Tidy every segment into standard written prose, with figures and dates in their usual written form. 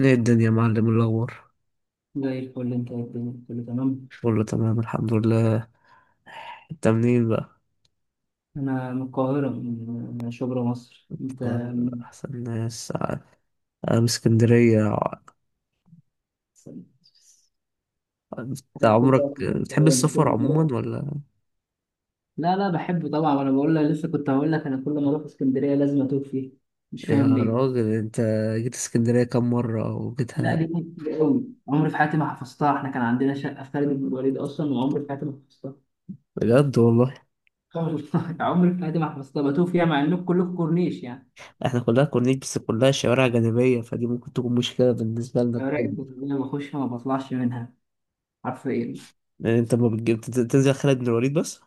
ايه الدنيا يا معلم، إيه الأخبار؟ زي الفل، انت ايه الدنيا؟ كله تمام. شغل تمام، الحمد لله. انت منين بقى؟ انا من القاهرة، من شبرا مصر. انت قال من؟ أحسن ناس أنا. من اسكندرية. انت أنا كل ده في عمرك بتحب اسكندرية، أنا السفر كل ما- عموما ولا؟ لا، بحب طبعا. انا بقول لك، لسه كنت هقول لك انا كل ما اروح اسكندرية لازم اتوه فيه، مش يا فاهم ليه. راجل انت، جيت اسكندرية كم مرة لا، وجيتها؟ دي كانت كتير قوي، عمري في حياتي ما حفظتها. احنا كان عندنا شقة في خالد بن الوليد اصلا، وعمري في حياتي ما حفظتها. بجد والله. والله عمري في حياتي ما حفظتها، بتوه فيها مع انكم كلكم كورنيش يعني. احنا كلها كورنيش، بس كلها شوارع جانبية، فدي ممكن تكون مشكلة بالنسبة يا لك. راقب، بس أنا بخش ما بطلعش منها، حرفيا. يعني انت ما بتجيب تنزل خالد بن الوليد بس؟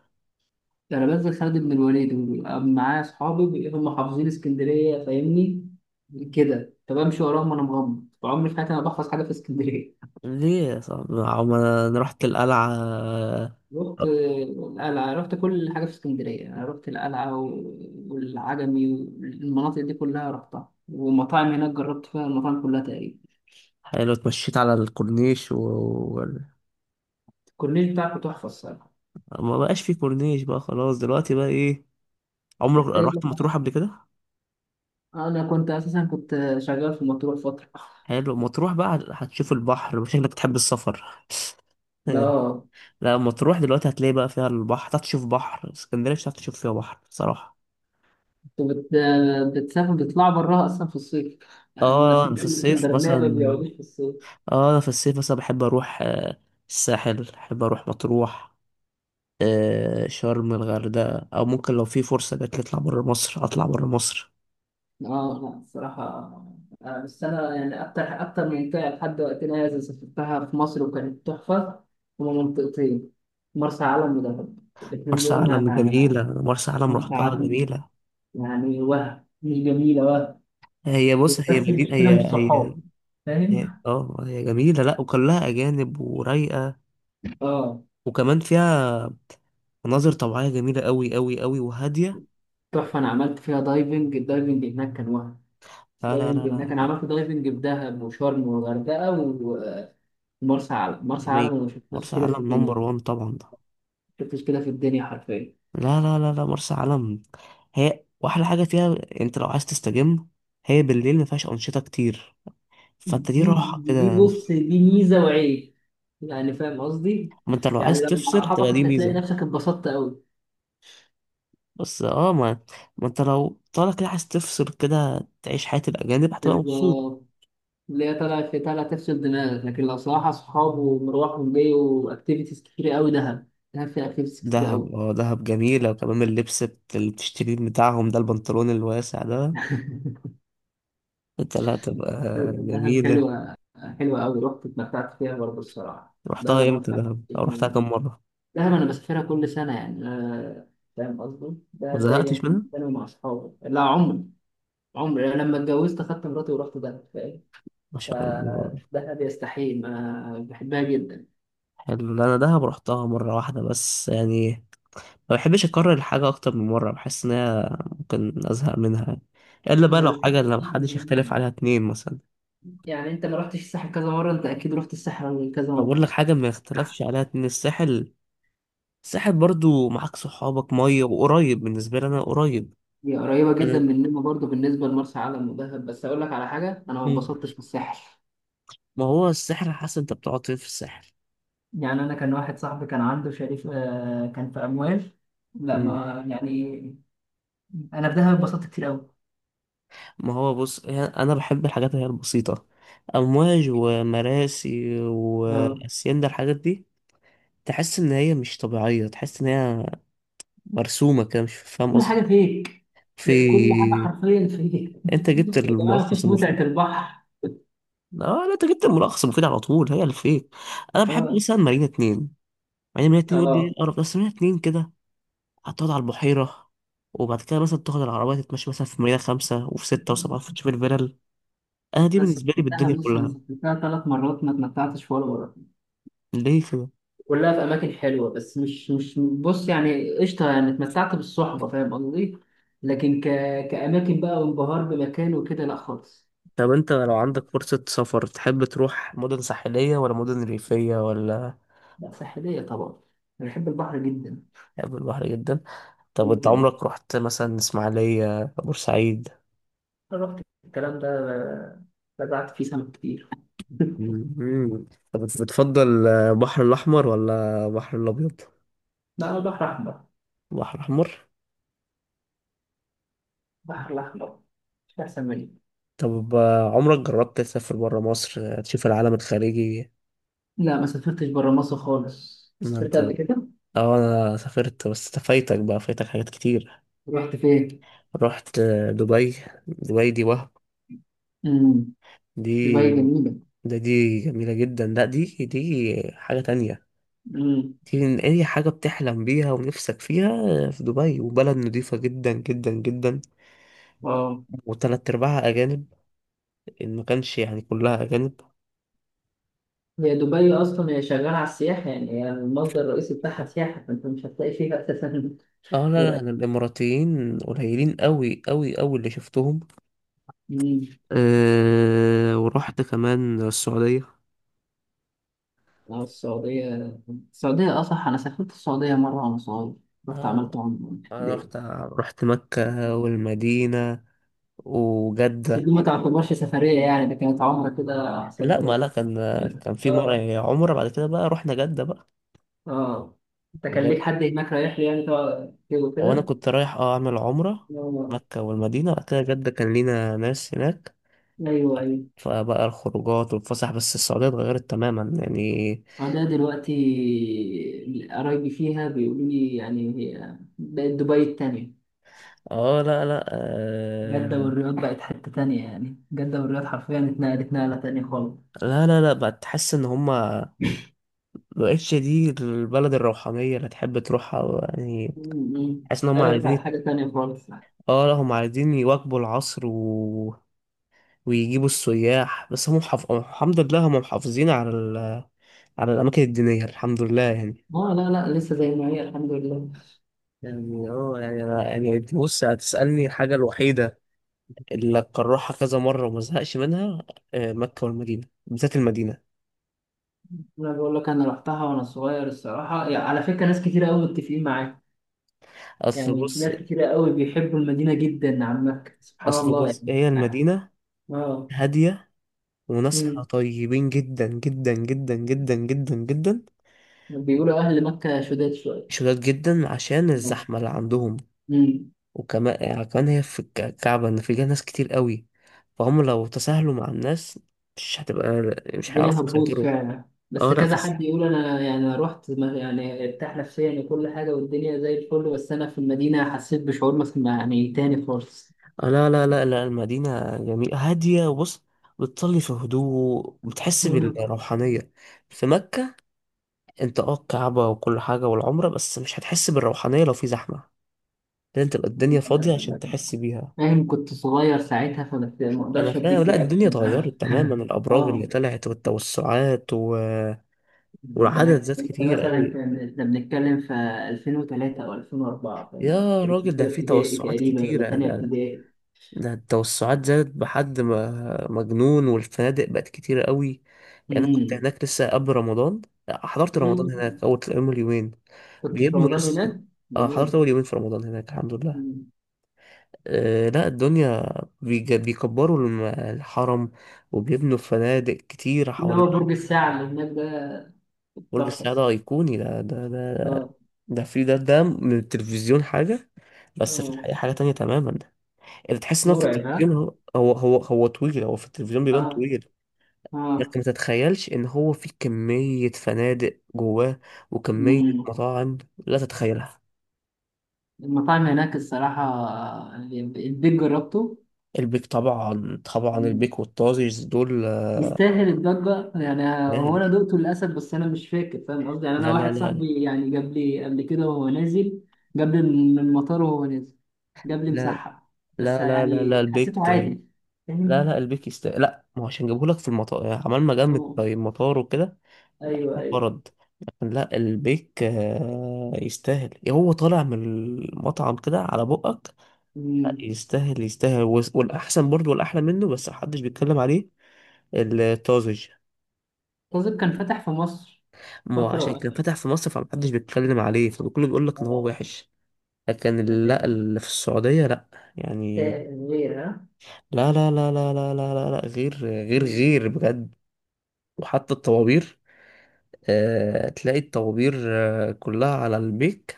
ده انا بنزل خالد بن الوليد وبيبقى معايا اصحابي هم حافظين اسكندريه، فاهمني كده، فبمشي وراهم وانا مغمض. فعمري في حياتي انا بحفظ حاجه في اسكندريه. ليه يا صاحبي؟ ما- ما انا رحت القلعة. رحت القلعه، رحت كل حاجه في اسكندريه. انا رحت والعجمي والمناطق دي كلها رحتها، ومطاعم هناك جربت فيها المطاعم كلها تقريبا. حلو، اتمشيت على الكورنيش و الكورنيش بتاعك تحفه الصراحه. ما بقاش في كورنيش بقى، خلاص دلوقتي بقى ايه؟ عمرك إنت إيه اللي رحت مطروح حصل؟ قبل كده؟ انا كنت اساسا كنت شغال في مطروح فتره. حلو، مطروح بقى هتشوف البحر، شكلك بتحب السفر. إيه. لا. لا مطروح دلوقتي هتلاقي بقى فيها البحر، هتعرف تشوف بحر اسكندريه مش هتعرف تشوف فيها بحر صراحه. وبت... بتسافر بيطلعوا براها اصلا في الصيف. انا اه انا سمعت في ان الصيف الاسكندرانيه ما مثلا بيقعدوش في الصيف. اه انا في الصيف مثلا بحب اروح، الساحل، بحب اروح مطروح، آه شرم الغردقه، او ممكن لو في فرصه جات لي اطلع بره مصر، اطلع بره مصر. اه لا الصراحه، بس انا يعني اكتر اكتر منطقه لحد وقتنا هذا سافرتها في مصر وكانت تحفه. هما منطقتين، مرسى علم ودهب، الاثنين مرسى دول علم جميله، مرسى علم مرسى رحتها علم، جميله. يعني وهم مش جميله وهم، هي بص، هي بس مدينة، المشكله هي مش هي صحاب، فاهم. اه هي جميلة، لا وكلها أجانب ورايقة. اه وكمان فيها مناظر طبيعية جميلة أوي أوي أوي وهادية. تحفه، انا عملت فيها دايفنج، الدايفنج هناك كان وهم. لا لا لا دايفنج لا هناك، انا عملت دايفنج في دهب وشرم والغردقه ومرسى علم. مرسى علم انا يعني ما شفتش مرسى كده علم في الدنيا، نمبر ما وان طبعا ده. شفتش كده في الدنيا حرفيا. لا لا لا لا مرسى علم، هي وأحلى حاجة فيها، أنت لو عايز تستجم، هي بالليل مفيهاش أنشطة كتير، فأنت دي دي راحة دي كده. بص، دي ميزه وعيب، يعني فاهم قصدي؟ ما أنت لو يعني عايز لو مع تفصل تبقى اصحابك دي مش هتلاقي ميزة. نفسك اتبسطت قوي. بس ما ما أنت لو طالع كده عايز تفصل كده، تعيش حياة الأجانب هتبقى مبسوط. بالظبط، اللي هي طالعه في طالعه تفصل دماغك. لكن لو صراحه اصحاب ومروح وجاي واكتيفيتيز كتير قوي، دهب، دهب فيها اكتيفيتيز كتير دهب، قوي. دهب جميلة، وكمان اللبس اللي بتشتريه بتاعهم ده، البنطلون الواسع ده. انت لا، تبقى دهب جميلة. حلوة، حلوة أوي، رحت اتمتعت فيها برضه الصراحة، دهب رحتها امتى ومطلع دهب، او رحتها الجيم. كم مرة؟ دهب أنا بسافرها كل سنة، يعني فاهم قصدي؟ ما دهب دايما زهقتش كل منها. سنة مع أصحابي. لا عمري عمري أنا لما اتجوزت أخدت مراتي ورحت دهب، فاهم؟ ما شاء الله. فدهب يستحيل، ما بحبها جدا. حلو. لا انا دهب رحتها مرة واحدة بس يعني، ما بحبش اكرر الحاجة اكتر من مرة، بحس ان هي ممكن ازهق منها، الا بقى ما لو حاجة لو محدش يختلف عليها بحبش- اتنين مثلا. يعني أنت ما رحتش الساحل كذا مرة؟ أنت أكيد رحت الساحل كذا لو مرة. بقول لك حاجة ما يختلفش عليها اتنين، الساحل. الساحل برضو معاك صحابك مية وقريب، بالنسبة لي انا قريب. هي قريبة جدا مننا برضه بالنسبة لمرسى علم ودهب، بس أقول لك على حاجة، أنا ما أنا- اتبسطتش في الساحل. ما هو السحر على حسب انت بتقعد فين في السحر. يعني انا كان واحد صاحبي كان عنده شريك، كان في اموال. لا مم. ما يعني، انا في دهب اتبسطت كتير قوي. ما هو بص، انا بحب الحاجات اللي هي البسيطه، امواج ومراسي آه. واسيندا الحاجات دي. تحس ان هي مش طبيعيه، تحس ان هي مرسومه كده، مش فاهم كل قصدي. حاجه فيك، في، كل حاجه حرفيا فيك. انت جبت وكمان الملخص مفيش متعه المفيد. البحر. اه لا، انت جبت الملخص المفيد على طول، هي الفيك. انا بحب اه. مثلا مارينا اتنين. مارينا اتنين يقول لي ايه اه القرف ده؟ بس مارينا اتنين كده هتقعد على البحيره، وبعد كده مثلا تاخد العربية تتمشى مثلا في مدينة خمسة وفي ستة وسبعة وتشوف الفلل. انا دي انا بالنسبه لي سافرتها، بالدنيا بص انا كلها. سافرتها ثلاث مرات ما اتمتعتش ولا مره. ليه كده؟ كلها في اماكن حلوه، بس مش بص، يعني قشطه، يعني اتمتعت بالصحبه فاهم قصدي، لكن ك... كاماكن بقى وانبهار بمكان وكده لا خالص. طب انت لو عندك فرصه سفر تحب تروح مدن ساحليه ولا مدن ريفيه ولا؟ لا ساحلية طبعا، أنا بحب البحر جدا. تحب البحر جدا. طب انت جدا، عمرك رحت مثلا اسماعيليه بورسعيد؟ أنا رحت الكلام ده، بدأت فيه سمك كتير. مم. طب بتفضل البحر الاحمر ولا البحر الابيض؟ لا أنا بحر أحمر، البحر الاحمر. البحر الأحمر، مش أحسن مني. طب عمرك جربت تسافر برا مصر تشوف العالم الخارجي؟ لا ما سافرتش برا مصر خالص، ما سافرت انت، قبل كده. اه انا سافرت، بس فايتك بقى، فايتك حاجات كتير. رحت فين؟ رحت دبي. دبي دي وهم، مم. دي، دبي جميلة. دي جميلة جدا، لا دي حاجة تانية. مم. دي من أي حاجة بتحلم بيها ونفسك فيها في دبي. وبلد نضيفة جدا جدا جدا، واو. وتلات أرباعها أجانب، إن ما كانش يعني كلها أجانب. هي دبي أصلا هي شغالة على السياحة، يعني هي المصدر الرئيسي بتاعها سياحة، فأنت مش هتلاقي فيها أساسا. اه لا غير لا، أنا الإماراتيين قليلين أوي أوي أوي اللي شفتهم. أكل. أه، ورحت كمان السعودية. اه السعودية، السعودية أصح، أنا سافرت السعودية مرة وأنا صغير، رحت عملت اه عمرة في أنا ابتدائي. رحت، رحت مكة والمدينة بس دي وجدة. ما تعتبرش سفرية، يعني ده كانت عمرة كده. عسل لا ما بلد. لا كان كان في اه. مرة عمرة، بعد كده بقى رحنا جدة بقى. اه ده كان ليك بجد، حد هناك رايح لي يعني تقعد كده وانا وكده. كنت رايح اعمل عمرة، آه. مكة والمدينة، وبعد كده جدة، كان لينا ناس هناك، أيوه أيوه. فبقى الخروجات والفسح. بس السعودية اتغيرت تماما يعني. السعودية دلوقتي قرايبي فيها بيقولوا لي، يعني هي بقت دبي التانية. اه لا لا جدة آه. والرياض بقت حتة تانية، يعني جدة والرياض حرفيا اتنقلت نقلة تانية خالص. لا لا لا بقت، تحس ان هما، مبقتش دي البلد الروحانية اللي تحب تروحها يعني. م- م. تحس ان هما قلبت عايزين، على حاجة تانية خالص. اه لا هما عايزين يواكبوا العصر و... ويجيبوا السياح. بس هم محف... الحمد لله هم محافظين على ال... على الأماكن الدينية، الحمد لله يعني. اه لا لا، لسه زي ما هي الحمد لله. يعني يعني بص، هتسألني الحاجة الوحيدة اللي أكررها كذا مرة وما زهقش منها، آه، مكة والمدينة، بالذات المدينة. انا بقول لك انا رحتها وانا صغير الصراحه، يعني على فكره ناس كتير قوي متفقين معاك، أصل يعني بص، ناس كتير قوي بيحبوا المدينه جدا عن مكه، سبحان أصل الله بص يعني. هي المدينة اه. هادية، وناسها امم. طيبين جدا جدا جدا جدا جدا جدا. بيقولوا اهل مكه شداد شويه. شداد جدا عشان آه. الزحمة اللي عندهم. امم. وكمان يعني كمان هي في الكعبة، إن فيها ناس كتير قوي، فهم لو تساهلوا مع الناس مش هتبقى، مش الدنيا هيعرفوا هتبوظ يسيطروا. فعلا. بس اه لا، كذا حد يقول، انا يعني أنا رحت ما- يعني ارتاح نفسيا وكل حاجه والدنيا زي الفل، بس انا في المدينه حسيت بشعور مثلا يعني تاني خالص. آه، لا لا لا لا المدينة جميلة هادية، وبص بتصلي في هدوء، بتحس مم. بالروحانية. في مكة، انت الكعبة وكل حاجة والعمرة، بس مش هتحس بالروحانية لو في زحمة. لازم تبقى الدنيا فاضية عشان تحس بيها. فاهم كنت صغير ساعتها، ما انا اقدرش فاهم، اديك لا الدنيا رياكشن. اتغيرت تماما، الابراج اللي اه. طلعت والتوسعات و... ده انا والعدد زاد كنت كتير مثلا قوي. كان احنا بنتكلم في 2003 او 2004، فاهم يعني يا كنت راجل في ده اولى في ابتدائي توسعات تقريبا ولا كتيرة تانية ده، ابتدائي. ده التوسعات زادت بحد ما مجنون، والفنادق بقت كتيرة قوي. يعني أنا كنت أمم. هناك لسه قبل رمضان، آه، حضرت رمضان هناك، أول يومين. كنت في بيبنوا رمضان لسه. هناك. اه حضرت جميل. أول يومين في رمضان هناك، الحمد لله. أمم. آه لا الدنيا، بيكبروا الحرم، وبيبنوا فنادق كتير انما حوالين. برج الساعه اللي هناك ده برج السعادة تحفه. أيقوني، ده. اه. ده في ده من التلفزيون حاجة، بس في اه الحقيقة حاجة تانية تماما. اللي تحس إن هو في مرعب التلفزيون، ها. هو, هو طويل، هو في التلفزيون بيبان اه. طويل. انت اه. ما تتخيلش ان هو في كمية فنادق جواه، وكمية أمم. مطاعم لا تتخيلها. المطاعم هناك الصراحه، البيت جربته، البيك طبعا طبعا، البيك والطازج دول، آه، يستاهل الضجة يعني. هو أنا غالي. دقته للأسف، بس أنا مش فاكر، فاهم قصدي؟ يعني أنا لا لا واحد لا صاحبي يعني جاب لي قبل كده وهو نازل، جاب لي من المطار وهو نازل، جاب لي لا مسحب، بس لا لا لا لا يعني البيك، حسيته عادي، لا فاهم. لا البيك لا ما هو عشان جابهولك في المطار عمال ما جمد أه. في المطار وكده، أيوه أيوه. برد. لا البيك آه، يستاهل إيه، هو طالع من المطعم كده على بقك. لا، أمم. يستاهل يستاهل. والأحسن برضه والأحلى منه بس محدش بيتكلم عليه، الطازج. قصدي كان فتح في مصر ما هو فترة عشان كان وقفل. فتح في مصر فمحدش بيتكلم عليه، فكله بيقول لك ان هو اه. وحش. لا اللي في السعودية لا، يعني، آه، غير ها. لا لا لا لا لا لا لا، لا غير غير أمم. غير بجد. وحتى الطوابير، آه تلاقي الطوابير، آه كلها على البيك.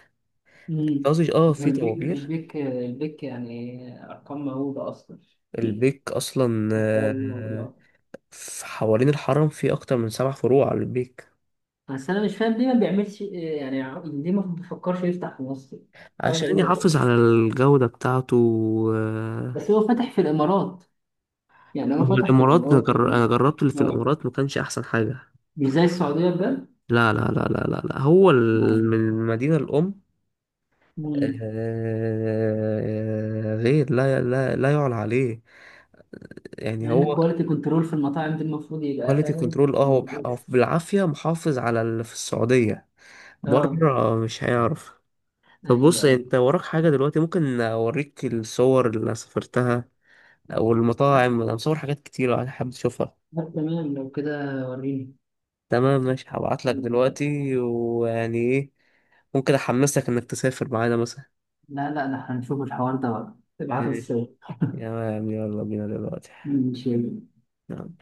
أمم. قصدي في البيك طوابير. البيك البيك، يعني أرقام مهولة أصلا. البيك اصلا آه، في حوالين الحرم في اكتر من سبع فروع على البيك. بس انا مش فاهم ليه ما بيعملش، يعني ليه ما بيفكرش يفتح في مصر؟ حاجه عشان غريبه أوي. يحافظ على الجودة بتاعته. آه، بس هو فتح في الامارات، يعني هو هو فتح في الإمارات، أنا الامارات. أنا جربت اللي في آه. الإمارات ما كانش أحسن حاجة. مش زي السعوديه بجد. لا لا لا لا لا لا، هو آه. من المدينة الأم، مم. آه، غير لا لا لا يعلى عليه. يعني مع ان هو الكواليتي كنترول في المطاعم دي المفروض يبقى كواليتي فاهم. كنترول، هو هو بالعافية محافظ على اللي في السعودية، اه بره مش هيعرف. طب ايوه بص ايوه. انت وراك حاجة دلوقتي ممكن اوريك الصور اللي أنا سافرتها او لا المطاعم، انا مصور حاجات كتير لو حابب تشوفها. لا تمام لو كده، وريني. تمام ماشي، هبعتلك دلوقتي، ويعني ايه، ممكن احمسك انك تسافر معانا لا لا، ده احنا هنشوف الحوار ده بقى، ابعت مثلا. الصور. تمام يلا بينا دلوقتي. ماشي. نعم.